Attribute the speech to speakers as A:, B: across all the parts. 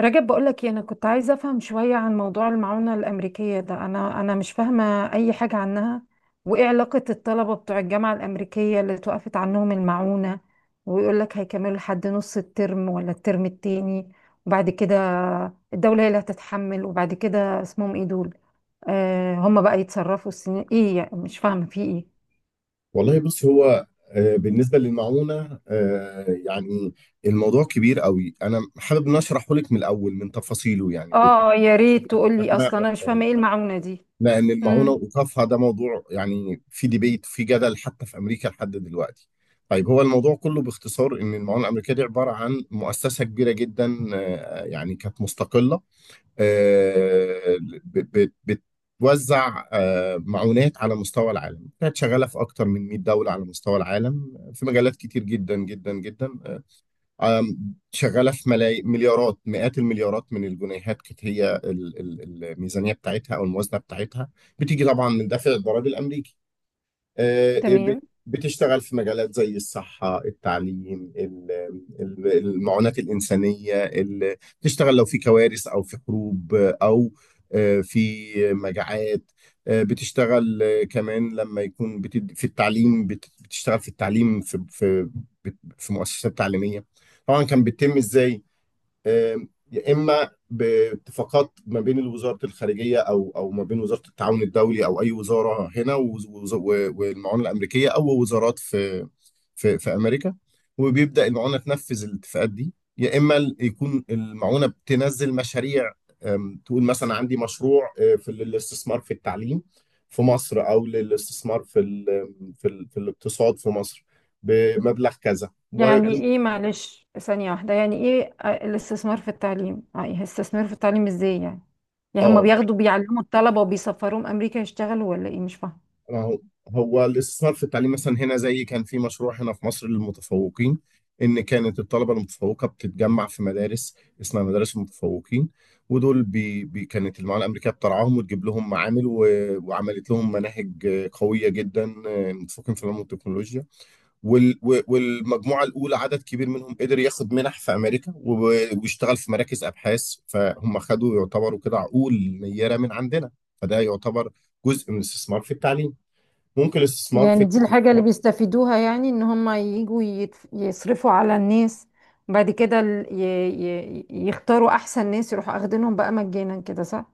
A: رجب بقولك إيه، انا كنت عايزه افهم شويه عن موضوع المعونه الامريكيه ده، انا مش فاهمه اي حاجه عنها. وايه علاقه الطلبه بتوع الجامعه الامريكيه اللي توقفت عنهم المعونه؟ ويقولك هيكملوا لحد نص الترم ولا الترم التاني، وبعد كده الدوله هي اللي هتتحمل. وبعد كده اسمهم ايه دول؟ هم بقى يتصرفوا، السنين ايه، يعني مش فاهمه في ايه.
B: والله بص هو، بالنسبة للمعونة، يعني الموضوع كبير قوي. أنا حابب إن أشرحه لك من الأول من تفاصيله، يعني
A: اه يا
B: عشان
A: ريت
B: تبقي
A: تقولي،
B: فاهمة
A: اصلا انا مش
B: أكتر.
A: فاهمه ايه المعونه دي.
B: لأن المعونة
A: امم.
B: وإيقافها ده موضوع، يعني في ديبيت، في جدل، حتى في أمريكا لحد دلوقتي. طيب، هو الموضوع كله باختصار إن المعونة الأمريكية دي عبارة عن مؤسسة كبيرة جدا، يعني كانت مستقلة. آه، ب- ب- بتوزع معونات على مستوى العالم، كانت شغالة في أكتر من 100 دولة على مستوى العالم، في مجالات كتير جدا جدا جدا. شغالة في مليارات، مئات المليارات من الجنيهات. كانت هي الميزانية بتاعتها أو الموازنة بتاعتها، بتيجي طبعا من دافع الضرائب الأمريكي. آه، بت-
A: تمام.
B: بتشتغل في مجالات زي الصحة، التعليم، ال- المعونات الإنسانية. بتشتغل لو في كوارث أو في حروب، أو في مجاعات. بتشتغل كمان لما يكون في التعليم، بتشتغل في التعليم، في في مؤسسات تعليمية. طبعا كان بيتم ازاي؟ يا اما باتفاقات ما بين وزاره الخارجيه او ما بين وزاره التعاون الدولي، او اي وزاره هنا، و والمعونه الامريكيه، او وزارات في في امريكا. وبيبدا المعونه تنفذ الاتفاقات دي، يا اما يكون المعونه بتنزل مشاريع. تقول مثلا عندي مشروع، في الاستثمار في التعليم في مصر، او للاستثمار في الاقتصاد في مصر، بمبلغ كذا و...
A: يعني ايه معلش، ثانية واحدة، يعني ايه الاستثمار في التعليم، إيه الاستثمار في التعليم ازاي يعني؟ يعني هما
B: اه،
A: بياخدوا بيعلموا الطلبة وبيسفروهم امريكا يشتغلوا، ولا ايه؟ مش فاهمة.
B: ما هو الاستثمار في التعليم مثلا هنا، زي كان في مشروع هنا في مصر للمتفوقين، ان كانت الطلبه المتفوقه بتتجمع في مدارس اسمها مدارس المتفوقين. ودول بي بي كانت المعاليه الامريكيه بترعاهم، وتجيب لهم معامل و... وعملت لهم مناهج قويه جدا، متفوقين في العلوم والتكنولوجيا. والمجموعه الاولى عدد كبير منهم قدر ياخد منح في امريكا و... ويشتغل في مراكز ابحاث، فهم خدوا، يعتبروا كده عقول نيره من عندنا. فده يعتبر جزء من الاستثمار في التعليم. ممكن الاستثمار
A: يعني
B: في...
A: دي الحاجة اللي بيستفيدوها، يعني ان هما يجوا يصرفوا على الناس، بعد كده يختاروا احسن ناس، يروحوا اخدينهم بقى مجانا كده، صح؟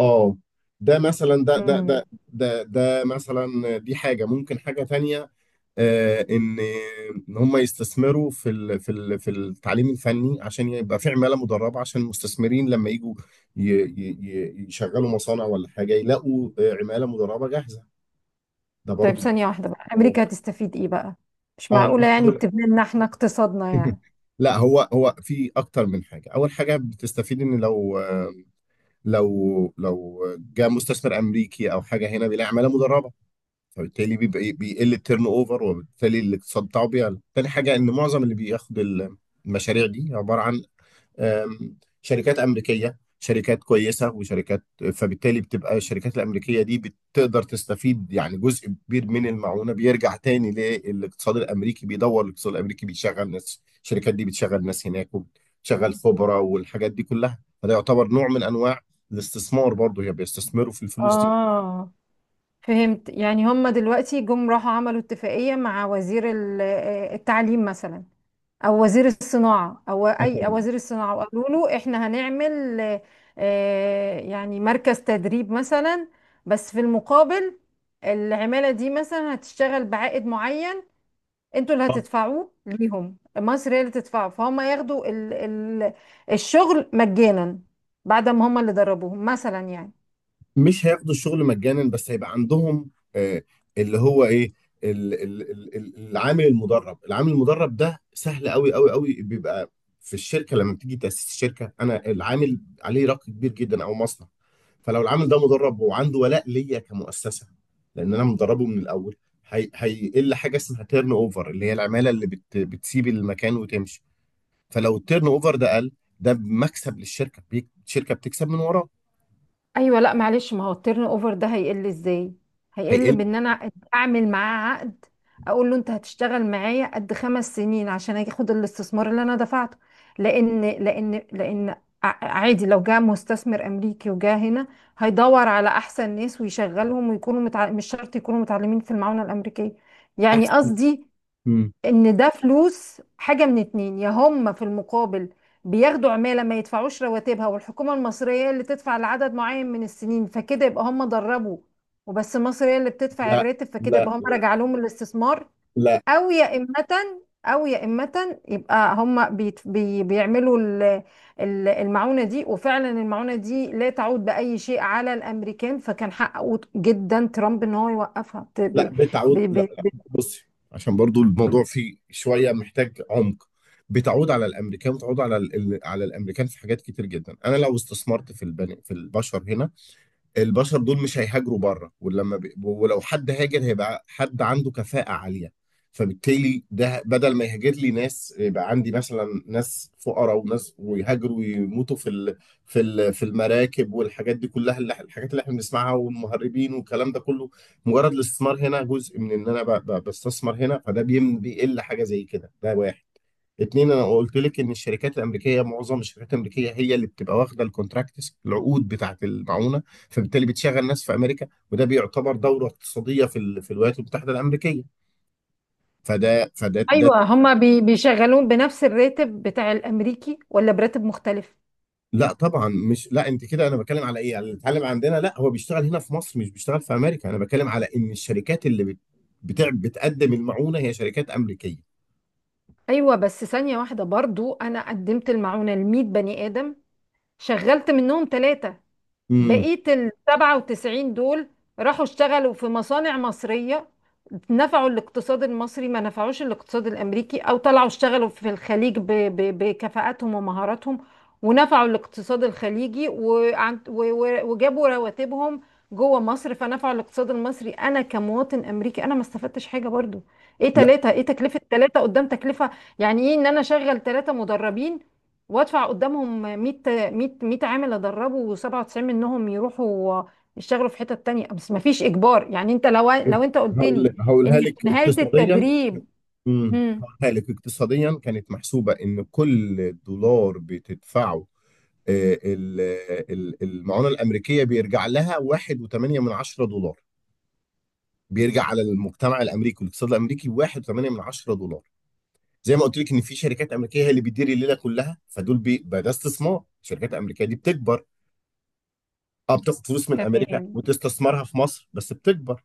B: اه، ده مثلا ده ده
A: مم.
B: ده ده ده مثلا دي حاجة، ممكن حاجة تانية. ان هم يستثمروا في ال في ال في التعليم الفني، عشان يبقى في عمالة مدربة، عشان المستثمرين لما يجوا يشغلوا مصانع ولا حاجة، يلاقوا عمالة مدربة جاهزة. ده
A: طيب
B: برضو
A: ثانية
B: جزء.
A: واحدة بقى، امريكا هتستفيد ايه بقى؟ مش
B: اه،
A: معقولة يعني بتبني لنا احنا اقتصادنا يعني.
B: لا، هو في اكتر من حاجة. اول حاجة بتستفيد ان لو، لو جاء مستثمر امريكي او حاجه هنا، بيلاقي عماله مدربه، فبالتالي بيبقى إيه، بيقل التيرن اوفر، وبالتالي الاقتصاد بتاعه بيعلى. تاني حاجه، ان معظم اللي بياخد المشاريع دي عباره عن آم، شركات أمريكية، شركات كويسة، وشركات. فبالتالي بتبقى الشركات الأمريكية دي بتقدر تستفيد. يعني جزء كبير من المعونة بيرجع تاني للاقتصاد الأمريكي، بيدور الاقتصاد الأمريكي، بيشغل ناس. الشركات دي بتشغل ناس هناك، وبتشغل خبرة، والحاجات دي كلها. فده يعتبر نوع من أنواع الاستثمار برضه، هي بيستثمروا في الفلوس
A: اه، فهمت. يعني هم دلوقتي جم راحوا عملوا اتفاقية مع وزير التعليم مثلا، او وزير الصناعة، او اي
B: دي.
A: أو وزير الصناعة، وقالوا له احنا هنعمل، يعني مركز تدريب مثلا، بس في المقابل العمالة دي مثلا هتشتغل بعائد معين، انتوا اللي هتدفعوه ليهم، مصر هي اللي تدفعه، فهم ياخدوا ال الشغل مجانا، بعد ما هم اللي دربوهم مثلا، يعني.
B: مش هياخدوا الشغل مجانا، بس هيبقى عندهم، اللي هو ايه، العامل المدرب. ده سهل قوي قوي قوي، بيبقى في الشركه لما بتيجي تاسيس الشركه، انا العامل عليه رق كبير جدا، او مصنع. فلو العامل ده مدرب وعنده ولاء ليا كمؤسسه، لان انا مدربه من الاول، هيقل حاجه اسمها تيرن اوفر، اللي هي العماله اللي بتسيب المكان وتمشي. فلو التيرن اوفر ده قل، ده مكسب للشركه، الشركه بتكسب من وراه.
A: ايوه لا معلش، ما هو التيرن اوفر ده هيقل ازاي؟ هيقل
B: هيقل
A: بان انا اعمل معاه عقد، اقول له انت هتشتغل معايا قد 5 سنين عشان اخد الاستثمار اللي انا دفعته. لان عادي لو جاء مستثمر امريكي وجاء هنا، هيدور على احسن ناس ويشغلهم، ويكونوا مش شرط يكونوا متعلمين في المعونة الامريكية. يعني قصدي
B: احسن.
A: ان ده فلوس، حاجة من اتنين: يا هم في المقابل بياخدوا عمالة ما يدفعوش رواتبها، والحكومة المصرية اللي تدفع لعدد معين من السنين، فكده يبقى هم دربوا وبس، مصر هي اللي بتدفع
B: لا،
A: الراتب، فكده
B: لا،
A: يبقى هم
B: لا،
A: رجع لهم الاستثمار.
B: لا،
A: او يا إمة او يا إمة يبقى هم بيت بي بيعملوا ال- المعونة دي، وفعلا المعونة دي لا تعود بأي شيء على الأمريكان، فكان حقه جدا ترامب ان هو يوقفها.
B: لا، بتعود. لا،
A: ب-
B: لا،
A: ب-
B: بصي، عشان برضو الموضوع فيه شوية محتاج عمق. بتعود على الامريكان، وتعود على على الامريكان في حاجات كتير جدا. انا لو استثمرت في البني في البشر هنا، البشر دول مش هيهاجروا بره. ولو حد هاجر هيبقى حد عنده كفاءة عالية، فبالتالي ده بدل ما يهاجر لي ناس، يبقى عندي مثلا ناس فقراء وناس، ويهاجروا ويموتوا في المراكب والحاجات دي كلها، الحاجات اللي احنا بنسمعها، والمهربين والكلام ده كله. مجرد الاستثمار هنا جزء من ان انا بستثمر هنا، فده بيقل حاجة زي كده. ده واحد. اتنين، انا قلت لك ان الشركات الامريكيه، معظم الشركات الامريكيه هي اللي بتبقى واخده الكونتراكتس، العقود بتاعه المعونه. فبالتالي بتشغل ناس في امريكا، وده بيعتبر دوره اقتصاديه في الولايات المتحده الامريكيه. فده فده ده
A: ايوه هما بيشغلون بنفس الراتب بتاع الامريكي ولا براتب مختلف؟
B: لا، طبعا مش... لا، انت كده. انا بتكلم على ايه، على اللي اتعلم عندنا. لا، هو بيشتغل هنا في مصر مش بيشتغل في امريكا. انا بتكلم على ان الشركات اللي بتقدم المعونه هي شركات امريكيه.
A: ايوه بس ثانيه واحده، برضو انا قدمت المعونه ل 100 بني ادم، شغلت منهم ثلاثه،
B: امم
A: بقية ال 97 دول راحوا اشتغلوا في مصانع مصرية، نفعوا الاقتصاد المصري، ما نفعوش الاقتصاد الأمريكي، أو طلعوا اشتغلوا في الخليج بكفاءاتهم ومهاراتهم، ونفعوا الاقتصاد الخليجي، وجابوا رواتبهم جوه مصر، فنفعوا الاقتصاد المصري. أنا كمواطن أمريكي، أنا ما استفدتش حاجة برضو. إيه
B: لا،
A: تلاتة؟ إيه تكلفة تلاتة قدام تكلفة؟ يعني إيه إن أنا أشغل تلاتة مدربين وأدفع قدامهم 100، 100 100 عامل ادربه، و97 منهم يروحوا يشتغلوا في حتة تانية؟ بس ما فيش اجبار، يعني انت لو انت قلت لي ان
B: هقولها
A: في
B: لك
A: نهاية
B: اقتصاديا.
A: التدريب.
B: امم
A: امم.
B: هقولها لك اقتصاديا. كانت محسوبه، ان كل دولار بتدفعه آه، ال- المعونه الامريكيه، بيرجع لها 1.8 من 10 دولار. بيرجع على المجتمع الامريكي والاقتصاد الامريكي 1.8 من 10 دولار. زي ما قلت لك، ان في شركات امريكيه هي اللي بتدير الليله كلها، فدول بقى ده استثمار، الشركات الامريكيه دي بتكبر. اه، بتاخد فلوس من امريكا
A: تمام.
B: وتستثمرها في مصر، بس بتكبر.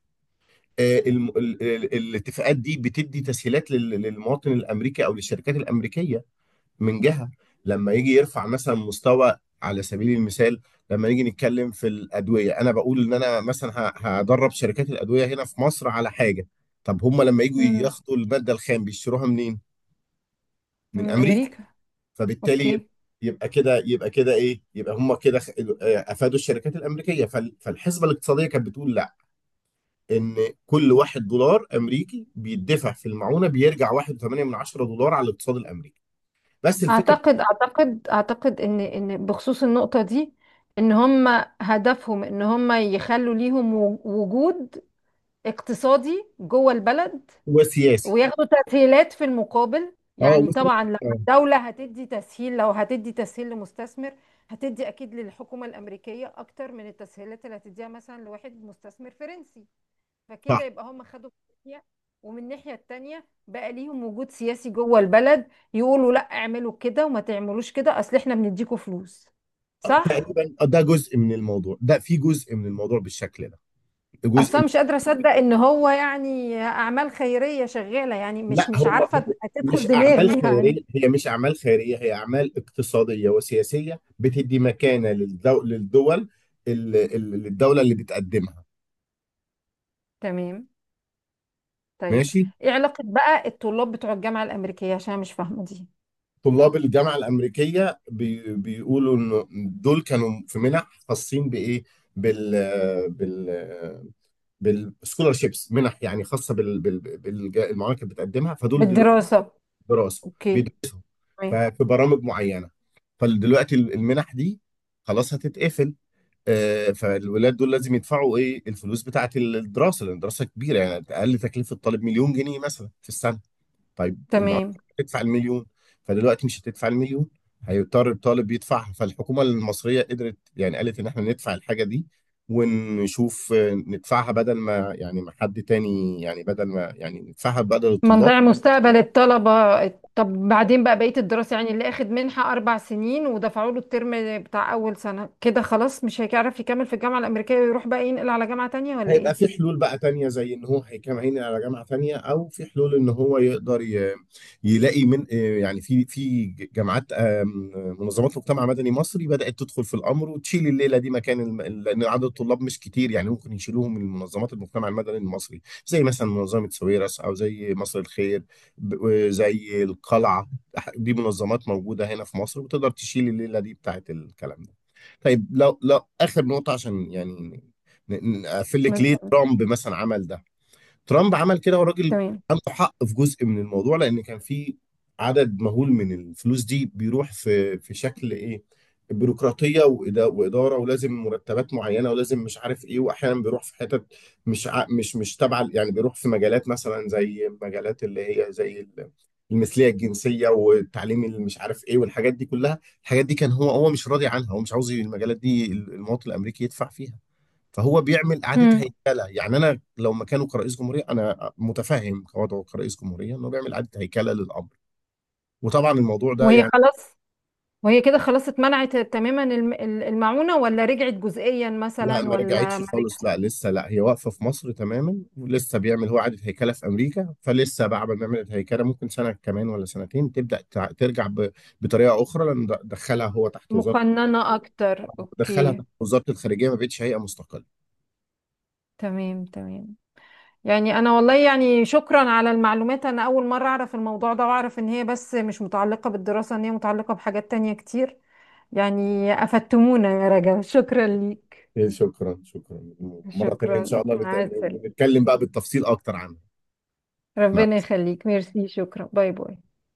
B: الاتفاقات دي بتدي تسهيلات للمواطن الامريكي، او للشركات الامريكيه، من جهة. لما يجي يرفع مثلا مستوى، على سبيل المثال، لما نيجي نتكلم في الأدوية، أنا بقول إن أنا مثلا هدرب شركات الأدوية هنا في مصر على حاجة. طب هم لما يجوا
A: امم.
B: ياخدوا المادة الخام بيشتروها منين؟ من
A: من
B: أمريكا.
A: امريكا.
B: فبالتالي
A: اوكي.
B: يبقى كده، إيه؟ يبقى هم كده أفادوا الشركات الأمريكية. فالحسبة الاقتصادية كانت بتقول، لا، إن كل واحد دولار أمريكي بيدفع في المعونة، بيرجع 1.8 من 10 دولار على الاقتصاد الأمريكي. بس الفكرة،
A: اعتقد ان بخصوص النقطة دي، ان هم هدفهم ان هم يخلوا ليهم وجود اقتصادي جوه البلد،
B: هو سياسي.
A: وياخدوا تسهيلات في المقابل.
B: اه،
A: يعني طبعا لما
B: وسياسي.
A: الدولة هتدي تسهيل، لو هتدي تسهيل لمستثمر، هتدي أكيد للحكومة الأمريكية أكتر من التسهيلات اللي هتديها مثلا لواحد مستثمر فرنسي.
B: صح.
A: فكده يبقى هم خدوا من ناحية، ومن الناحية التانية بقى ليهم وجود سياسي جوه البلد، يقولوا لا اعملوا كده وما تعملوش كده، أصل احنا بنديكوا فلوس، صح؟
B: تقريبا، ده جزء من الموضوع، ده في جزء من الموضوع بالشكل ده، ده جزء
A: أصلا
B: من...
A: مش قادرة أصدق إن هو يعني أعمال خيرية شغالة، يعني مش
B: لا،
A: مش
B: هو
A: عارفة تدخل
B: مش اعمال
A: دماغي يعني.
B: خيريه، هي مش اعمال خيريه، هي اعمال اقتصاديه وسياسيه، بتدي مكانه للدول، للدوله اللي بتقدمها.
A: تمام. طيب
B: ماشي.
A: ايه علاقة بقى الطلاب بتوع الجامعة الأمريكية؟ عشان أنا مش فاهمة دي.
B: طلاب الجامعه الامريكيه بيقولوا انه دول كانوا في منح، خاصين بايه، بال بال بالسكولارشيبس، منح يعني خاصه المعامل اللي كانت بتقدمها، فدول دلوقتي.
A: بالدراسة.
B: دراسه.
A: اوكي. تمام.
B: ففي برامج معينه، فدلوقتي المنح دي خلاص هتتقفل. فالولاد دول لازم يدفعوا ايه الفلوس بتاعت الدراسه، لان الدراسه كبيره يعني، اقل تكلفه الطالب مليون جنيه مثلا في السنه. طيب، المعلم
A: تمام.
B: هتدفع المليون، فدلوقتي مش هتدفع المليون، هيضطر الطالب يدفعها. فالحكومه المصريه قدرت، يعني قالت ان احنا ندفع الحاجه دي ونشوف، ندفعها، بدل ما يعني ما حد تاني، يعني بدل ما، يعني ندفعها بدل
A: ما
B: الطلاب.
A: نضيع مستقبل الطلبة. طب بعدين بقى بقية الدراسة، يعني اللي اخد منحة 4 سنين ودفعوا له الترم بتاع أول سنة، كده خلاص مش هيعرف يكمل في الجامعة الأمريكية، ويروح بقى ينقل على جامعة تانية ولا
B: هيبقى في
A: ايه؟
B: حلول بقى تانية، زي ان هو هيكمل على جامعة تانية، او في حلول ان هو يقدر يلاقي من، يعني في جامعات، منظمات مجتمع مدني مصري بدأت تدخل في الامر وتشيل الليلة دي مكان لان عدد الطلاب مش كتير، يعني ممكن يشيلوهم من منظمات المجتمع المدني المصري، زي مثلا منظمة سويرس، او زي مصر الخير، زي القلعة. دي منظمات موجودة هنا في مصر، وتقدر تشيل الليلة دي بتاعت الكلام ده. طيب، لو اخر نقطة، عشان يعني نقفل لك ليه
A: ما-
B: ترامب مثلا عمل ده. ترامب عمل كده، والراجل
A: تمام.
B: عنده حق في جزء من الموضوع، لان كان في عدد مهول من الفلوس دي بيروح في شكل ايه، بيروقراطيه، واداره، ولازم مرتبات معينه، ولازم مش عارف ايه، واحيانا بيروح في حتت مش ع- مش مش تبع، يعني بيروح في مجالات مثلا، زي مجالات اللي هي زي المثليه الجنسيه، والتعليم اللي مش عارف ايه، والحاجات دي كلها. الحاجات دي كان هو مش راضي عنها، هو مش عاوز المجالات دي المواطن الامريكي يدفع فيها. فهو بيعمل اعاده
A: مم.
B: هيكله. يعني انا لو مكانه كرئيس جمهوريه، انا متفهم وضعه كرئيس جمهوريه، انه بيعمل اعاده هيكله للامر. وطبعا الموضوع ده
A: وهي
B: يعني...
A: خلاص وهي كده خلاص اتمنعت تماما ال- المعونة، ولا رجعت جزئيا
B: لا،
A: مثلا،
B: ما
A: ولا
B: رجعتش
A: ما
B: خالص.
A: رجعت؟
B: لا، لسه. لا، هي واقفه في مصر تماما، ولسه بيعمل هو اعاده هيكله في امريكا. فلسه بعد ما نعمل الهيكله ممكن سنه كمان ولا سنتين، تبدا ترجع بطريقه اخرى. لان دخلها هو تحت وزاره،
A: مقننة أكتر،
B: دخلها
A: أوكي.
B: تحت وزاره الخارجيه، ما بقتش هيئه مستقله.
A: تمام تمام. يعني انا والله، يعني شكرا على المعلومات، انا اول مرة اعرف الموضوع ده، واعرف ان هي بس مش متعلقة بالدراسة، ان هي متعلقة بحاجات تانية كتير. يعني افدتمونا يا رجا، شكرا ليك.
B: إيه، شكرا شكرا. مره تانيه ان
A: شكرا،
B: شاء الله
A: مع السلامة.
B: نتكلم بقى بالتفصيل اكتر عنها.
A: ربنا يخليك، ميرسي، شكرا، باي باي.